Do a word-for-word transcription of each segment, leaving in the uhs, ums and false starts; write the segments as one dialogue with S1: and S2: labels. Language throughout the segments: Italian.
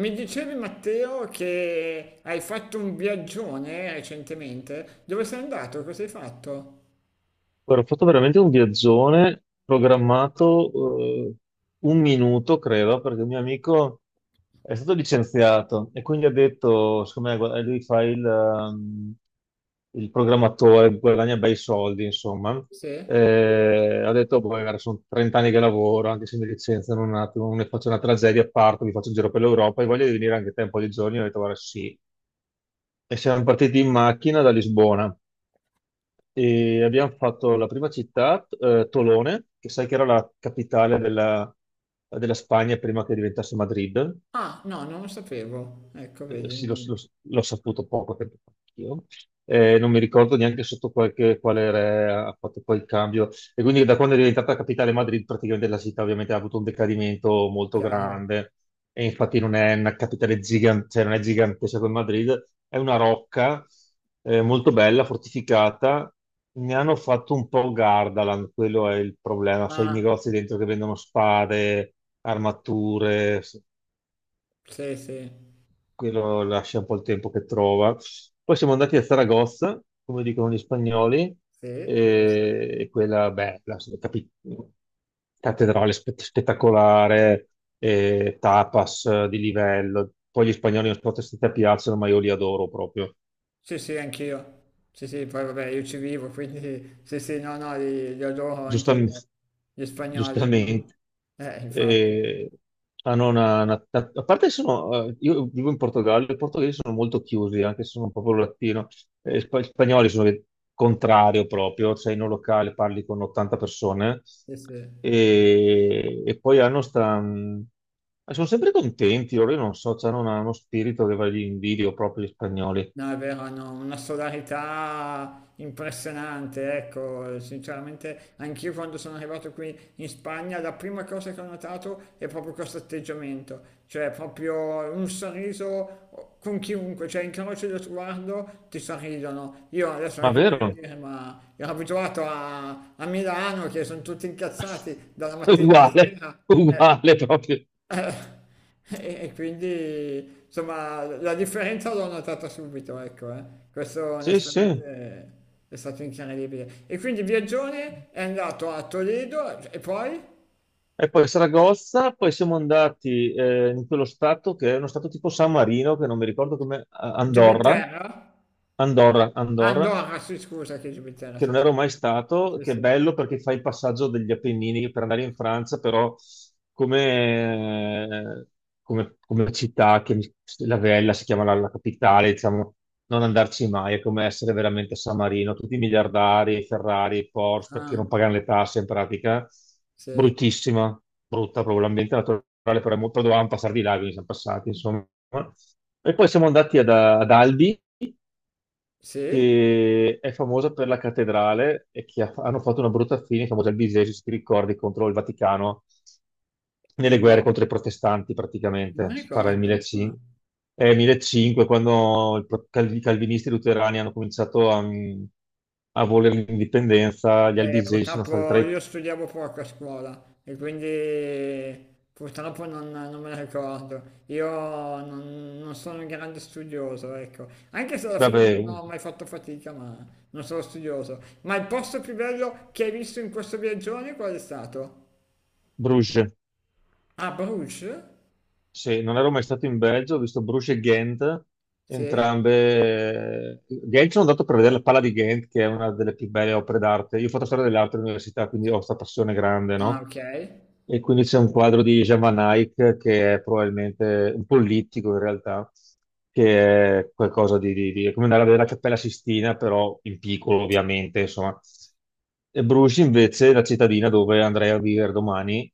S1: Mi dicevi Matteo che hai fatto un viaggione recentemente? Dove sei andato? Cosa hai fatto?
S2: Guarda, ho fatto veramente un viaggione programmato eh, un minuto, credo, perché un mio amico è stato licenziato e quindi ha detto, secondo me, guarda, lui fa il, ehm, il programmatore, guadagna bei soldi, insomma.
S1: Sì?
S2: Eh, ha detto, boh, guarda, sono 30 anni che lavoro, anche se mi licenziano un attimo, non ne faccio una tragedia, parto, mi faccio un giro per l'Europa e voglio venire anche te un po' di giorni. Ho detto, guarda, sì. E siamo partiti in macchina da Lisbona e abbiamo fatto la prima città, eh, Tolone, che sai che era la capitale della, della Spagna prima che diventasse Madrid.
S1: Ah, no, non lo sapevo. Ecco,
S2: Eh,
S1: vedi,
S2: sì, l'ho l'ho-
S1: mi-
S2: l'ho saputo poco tempo fa anch'io. Eh, non mi ricordo neanche sotto qualche- quale re ha fatto poi il cambio. E quindi da quando è diventata capitale Madrid, praticamente la città ovviamente ha avuto un decadimento molto
S1: chiaro.
S2: grande. E infatti non è una capitale gigante, cioè non è gigantesca come Madrid, è una rocca eh, molto bella, fortificata. Ne hanno fatto un po' Gardaland, quello è il problema. Sai, i
S1: Ah,
S2: negozi dentro che vendono spade, armature,
S1: sì, sì,
S2: quello lascia un po' il tempo che trova. Poi siamo andati a Zaragoza, come dicono gli spagnoli,
S1: sì, giusto.
S2: e e quella, beh, la capi- cattedrale spe- spettacolare, e tapas eh, di livello. Poi gli spagnoli non so se ti piacciono, ma io li adoro proprio.
S1: Sì, sì, anch'io. Sì, sì, poi vabbè, io ci vivo, quindi sì, sì, no, no, li, li adoro
S2: Giustamente,
S1: anch'io. Gli spagnoli, no?
S2: giustamente.
S1: Eh, infatti,
S2: Eh, Hanno una, una- a parte che sono, eh, io vivo in Portogallo, i portoghesi sono molto chiusi, anche se sono proprio latino. Eh, spa- gli spagnoli sono il contrario proprio, cioè in un locale parli con 80 persone
S1: sì, sì.
S2: e, e poi hanno sta... mh, sono sempre contenti, loro io non so, cioè hanno una- uno spirito che va lì in video proprio gli spagnoli.
S1: No, è vero, hanno una solarità impressionante, ecco, sinceramente anch'io quando sono arrivato qui in Spagna la prima cosa che ho notato è proprio questo atteggiamento, cioè proprio un sorriso con chiunque, cioè incroci lo sguardo, ti sorridono. Io adesso non è
S2: Ma
S1: che voglio
S2: vero?
S1: dire, ma ero abituato a, a Milano che sono tutti incazzati dalla mattina alla
S2: Uguale,
S1: sera. eh,
S2: uguale proprio.
S1: eh, E e quindi insomma la differenza l'ho notata subito, ecco, eh. Questo
S2: Sì, sì.
S1: onestamente è stato incredibile. E quindi Viaggione è andato a Toledo e poi
S2: E poi Saragozza, poi siamo andati eh, in quello stato che è uno stato tipo San Marino, che non mi ricordo come, eh, Andorra,
S1: Gibilterra?
S2: Andorra,
S1: Ah,
S2: Andorra,
S1: Andorra, sì, scusa che Gibilterra,
S2: che
S1: sì,
S2: non
S1: sì,
S2: ero mai stato,
S1: sì.
S2: che è
S1: sì.
S2: bello perché fai il passaggio degli Appennini per andare in Francia, però come, come- come città, che mi- la Vella si chiama la, la capitale, diciamo, non andarci mai, è come essere veramente a San Marino, tutti i miliardari, Ferrari, Porsche, perché
S1: Ah,
S2: non pagano le tasse in pratica,
S1: sì,
S2: bruttissima, brutta proprio l'ambiente naturale, però, è mo- però dovevamo passare di là, quindi siamo passati, insomma. E poi siamo andati ad ad Albi,
S1: sì,
S2: che è famosa per la cattedrale e che ha- hanno fatto una brutta fine, famosa al Bisesio, se ti ricordi, contro il Vaticano, nelle guerre
S1: no,
S2: contro i protestanti
S1: non
S2: praticamente,
S1: mi
S2: si parla del
S1: ricordo. Ah.
S2: millecinquecento, eh, millecinquecento quando il pro- cal- i calvinisti luterani hanno cominciato a, mm, a volere l'indipendenza, gli
S1: Eh,
S2: albigesi sono stati tra
S1: purtroppo
S2: i...
S1: io studiavo poco a scuola e quindi purtroppo non, non me la ricordo. Io non, non sono un grande studioso, ecco. Anche se alla fine non
S2: Vabbè,
S1: ho mai fatto fatica, ma non sono studioso. Ma il posto più bello che hai visto in questo viaggione qual è stato?
S2: Bruges.
S1: Ah, Bruges?
S2: Sì, non ero mai stato in Belgio, ho visto Bruges e Ghent,
S1: Sì.
S2: entrambe. Ghent, sono andato per vedere la Pala di Ghent, che è una delle più belle opere d'arte. Io ho fatto storia delle altre università, quindi ho questa passione grande,
S1: Ah,
S2: no?
S1: ok.
S2: E quindi c'è un quadro di Jean Van Eyck, che è probabilmente un politico in realtà, che è qualcosa di, di- di- è come andare a vedere la Cappella Sistina, però in piccolo, ovviamente, insomma. E Bruges invece è la cittadina dove andrei a vivere domani,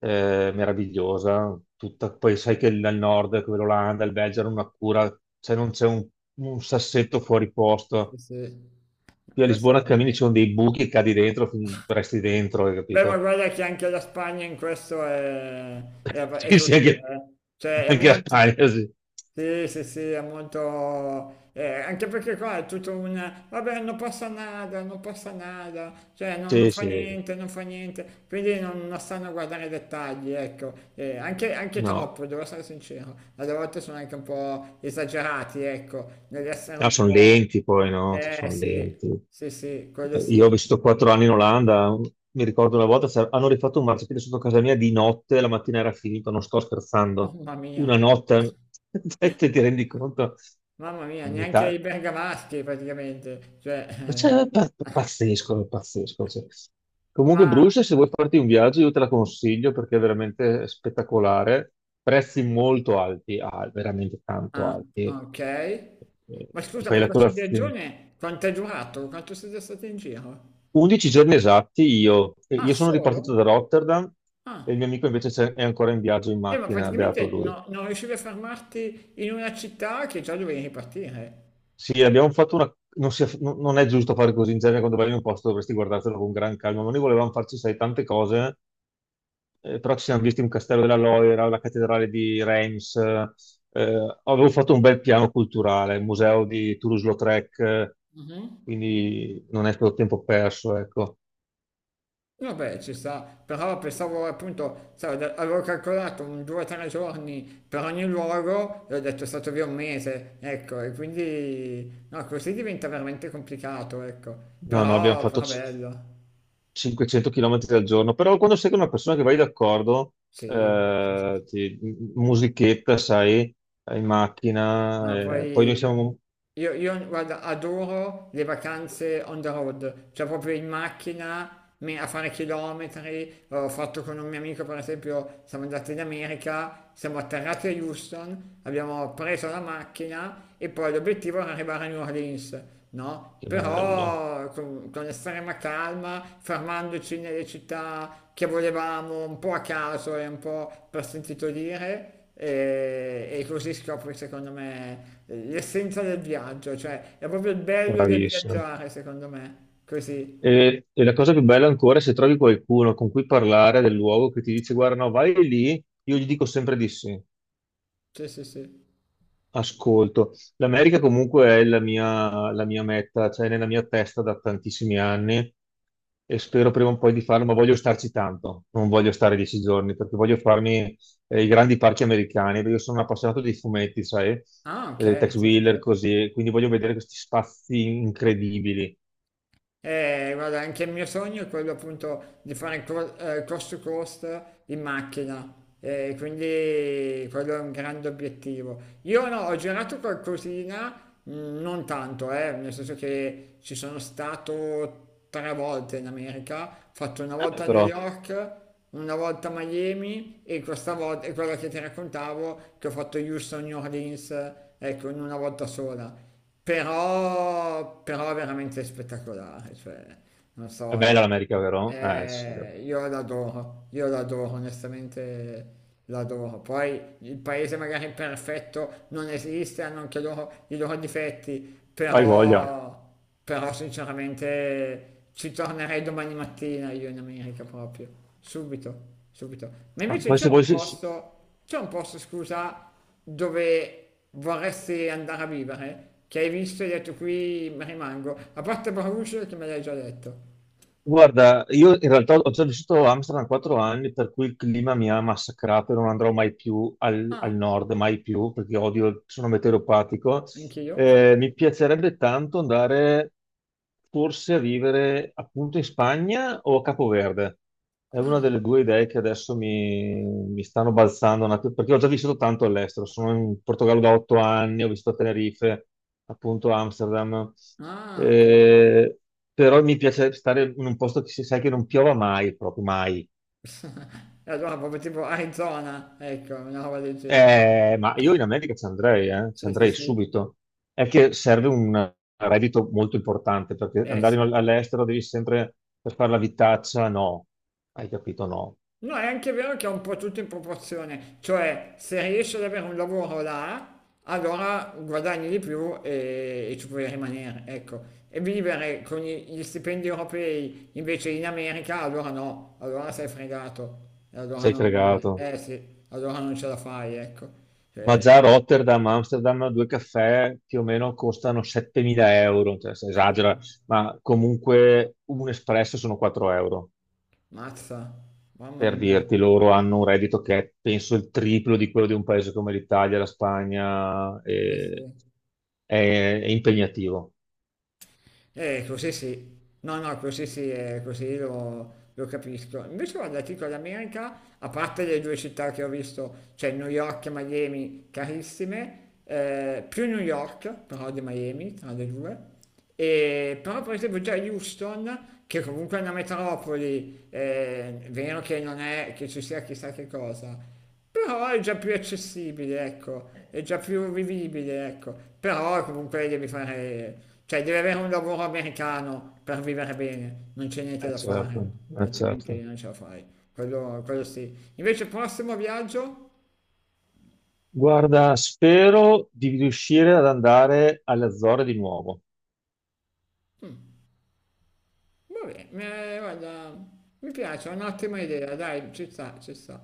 S2: eh, meravigliosa, tutta, poi sai che il- al nord, che l'Olanda, il Belgio hanno una cura, cioè non c'è un, un sassetto fuori
S1: Sì,
S2: posto.
S1: sì.
S2: Qui a
S1: Questo
S2: Lisbona
S1: è...
S2: cammini, ci sono dei buchi, e cadi dentro, fin- resti dentro, hai
S1: Beh, ma
S2: capito?
S1: guarda che anche la Spagna in questo è, è ab- è
S2: Sì, sì,
S1: così,
S2: anche,
S1: eh. Cioè è
S2: anche a
S1: molto...
S2: Spagna, sì.
S1: Sì, sì, sì, è molto... eh, anche perché qua è tutto un... Vabbè, non passa nada, non passa nada, cioè non, non
S2: Sì,
S1: fa
S2: sì,
S1: niente, non fa niente. Quindi non, non stanno a guardare i dettagli, ecco. Eh, anche, anche
S2: no.
S1: troppo, devo essere sincero. Alle volte sono anche un po' esagerati, ecco, nell'essere
S2: Ah,
S1: un
S2: sono
S1: po'...
S2: lenti poi, no?
S1: Eh
S2: Sono
S1: sì,
S2: lenti.
S1: sì, sì, quello
S2: Eh, Io ho
S1: sì.
S2: vissuto quattro anni in Olanda, mi ricordo una volta c'era- hanno rifatto un marciapiede sotto casa mia di notte, la mattina era finito, non sto scherzando.
S1: Mamma mia.
S2: Una notte, te ti rendi conto?
S1: Mamma mia,
S2: In
S1: neanche i
S2: Italia-
S1: bergamaschi praticamente. Cioè,
S2: ma cioè, è pa- pazzesco, è pazzesco, cioè.
S1: eh,
S2: Comunque,
S1: ma...
S2: Bruce, se vuoi farti un viaggio, io te la consiglio perché è veramente spettacolare. Prezzi molto alti, ah, veramente tanto
S1: Ah,
S2: alti.
S1: ok.
S2: Eh,
S1: Ma
S2: Ti
S1: scusa,
S2: fai
S1: ma
S2: la
S1: questo
S2: colazione.
S1: viaggione quanto è durato? Quanto siete stati in giro?
S2: 11 giorni esatti io, e
S1: Ah,
S2: io sono
S1: solo?
S2: ripartito da Rotterdam, e il
S1: Ah,
S2: mio amico invece c'è- è ancora in viaggio in
S1: eh, ma
S2: macchina, beato
S1: praticamente
S2: lui.
S1: no- non riuscivi a fermarti in una città che già dovevi ripartire.
S2: Sì, abbiamo fatto una... Non, si- non- non è giusto fare così, in genere quando vai in un posto dovresti guardartelo con gran calma, ma noi volevamo farci, sai, tante cose, eh, però ci siamo visti un castello della Loira, la cattedrale di Reims, eh, avevo fatto un bel piano culturale, il museo di Toulouse-Lautrec, eh, quindi non è stato tempo perso, ecco.
S1: Vabbè, ci sta, però pensavo appunto, sai, da- avevo calcolato un due tre giorni per ogni luogo e ho detto è stato via un mese, ecco, e quindi no, così diventa veramente complicato, ecco. No, però,
S2: No, no, abbiamo
S1: vabbè, però
S2: fatto
S1: ma questo... bello,
S2: cinquecento chilometri al giorno, però quando sei con una persona che vai d'accordo,
S1: sì, sì, sì,
S2: eh,
S1: sì.
S2: ti- musichetta, sai, in
S1: Ma
S2: macchina, eh, poi noi
S1: poi
S2: siamo...
S1: Io, io, guarda, adoro le vacanze on the road, cioè proprio in macchina, me- a fare chilometri. Ho fatto con un mio amico, per esempio, siamo andati in America, siamo atterrati a Houston, abbiamo preso la macchina e poi l'obiettivo era arrivare a New Orleans, no?
S2: Che bello,
S1: Però con, con estrema calma, fermandoci nelle città che volevamo, un po' a caso e un po' per sentito dire e, e così scopri secondo me l'essenza del viaggio, cioè è proprio il bello del
S2: bravissimo.
S1: viaggiare secondo me, così,
S2: E, e la cosa più bella ancora è se trovi qualcuno con cui parlare del luogo che ti dice, guarda, no, vai lì, io gli dico sempre di sì.
S1: sì sì sì.
S2: Ascolto, l'America comunque è la mia, la mia meta, cioè nella mia testa da tantissimi anni e spero prima o poi di farlo, ma voglio starci tanto, non voglio stare dieci giorni perché voglio farmi eh, i grandi parchi americani, perché io sono un appassionato di fumetti, sai,
S1: Ah
S2: eh,
S1: ok,
S2: Tex
S1: sì sì
S2: Wheeler,
S1: sì.
S2: così, quindi voglio vedere questi spazi incredibili.
S1: Eh, guarda, anche il mio sogno è quello appunto di fare co- eh, cost to cost in macchina, eh, quindi quello è un grande obiettivo. Io no, ho girato qualcosina, mh, non tanto, eh, nel senso che ci sono stato tre volte in America, ho fatto una
S2: Vabbè,
S1: volta a New
S2: però
S1: York, una volta a Miami e questa volta, e quella che ti raccontavo, che ho fatto Houston, New Orleans, ecco, in una volta sola però, però veramente spettacolare, cioè, non
S2: è
S1: so, è,
S2: bella
S1: Vero.
S2: l'America, vero? Eh sì, dai.
S1: Eh, io l'adoro, io l'adoro, onestamente l'adoro. Poi il paese magari perfetto non esiste, hanno anche loro i loro difetti,
S2: Hai voglia.
S1: però, però sinceramente ci tornerei domani mattina io in America proprio, subito, subito. Ma
S2: Ma
S1: invece
S2: poi
S1: c'è
S2: se vuoi,
S1: un posto, c'è un posto, scusa, dove vorresti andare a vivere, che hai visto e hai detto qui mi rimango, a parte Bruges che me l'hai già detto.
S2: guarda, io in realtà ho già vissuto a Amsterdam quattro anni, per cui il clima mi ha massacrato e non andrò mai più al, al nord, mai più, perché odio, sono meteoropatico.
S1: Anche io?
S2: Eh, mi piacerebbe tanto andare forse a vivere appunto in Spagna o a Capoverde. È una delle due idee che adesso mi, mi stanno balzando, un attimo, perché ho già vissuto tanto all'estero. Sono in Portogallo da otto anni, ho vissuto a Tenerife, appunto Amsterdam.
S1: Ah, ok.
S2: Eh, Però mi piace stare in un posto che si sai che non piova mai, proprio mai.
S1: E allora proprio tipo Arizona, ecco, una roba del genere.
S2: Eh, ma io in America ci andrei, eh, ci
S1: Sì, sì,
S2: andrei
S1: sì.
S2: subito. È che serve un reddito molto importante, perché
S1: Eh
S2: andare
S1: sì.
S2: in- all'estero devi sempre per fare la vitaccia, no. Hai capito? No.
S1: No, è anche vero che è un po' tutto in proporzione, cioè se riesci ad avere un lavoro là, allora guadagni di più e, e ci puoi rimanere, ecco. E vivere con gli gli stipendi europei invece in America, allora no, allora sei fregato. E allora
S2: Sei
S1: non,
S2: fregato.
S1: eh sì, allora non ce la fai, ecco.
S2: Ma già a Rotterdam, Amsterdam, due caffè più o meno costano settemila euro, cioè si
S1: Eh,
S2: esagera, ma comunque un espresso sono quattro euro.
S1: Mazza, mamma
S2: Per
S1: mia,
S2: dirti, loro hanno un reddito che è penso il triplo di quello di un paese come l'Italia, la Spagna,
S1: eh sì.
S2: e- è, è impegnativo.
S1: Eh, così sì, no, no, così sì, eh, così lo, lo capisco. Invece guarda, ti dico, l'America, a parte le due città che ho visto, cioè New York e Miami, carissime, eh, più New York, però di Miami, tra le due, E- però per esempio già Houston, che comunque è una metropoli, eh, è vero che non è che ci sia chissà che cosa, però è già più accessibile, ecco. Eh, è già più vivibile, ecco, però comunque devi fare, cioè devi avere un lavoro americano per vivere bene, non c'è niente
S2: Eh,
S1: da fare,
S2: certo, eh,
S1: altrimenti
S2: certo.
S1: non ce la fai, quello, quello sì. Invece prossimo viaggio?
S2: Guarda, spero di riuscire ad andare alle Azzorre di nuovo.
S1: Mm, vabbè, mi- guarda, mi piace, è un'ottima idea, dai, ci sta, ci sta.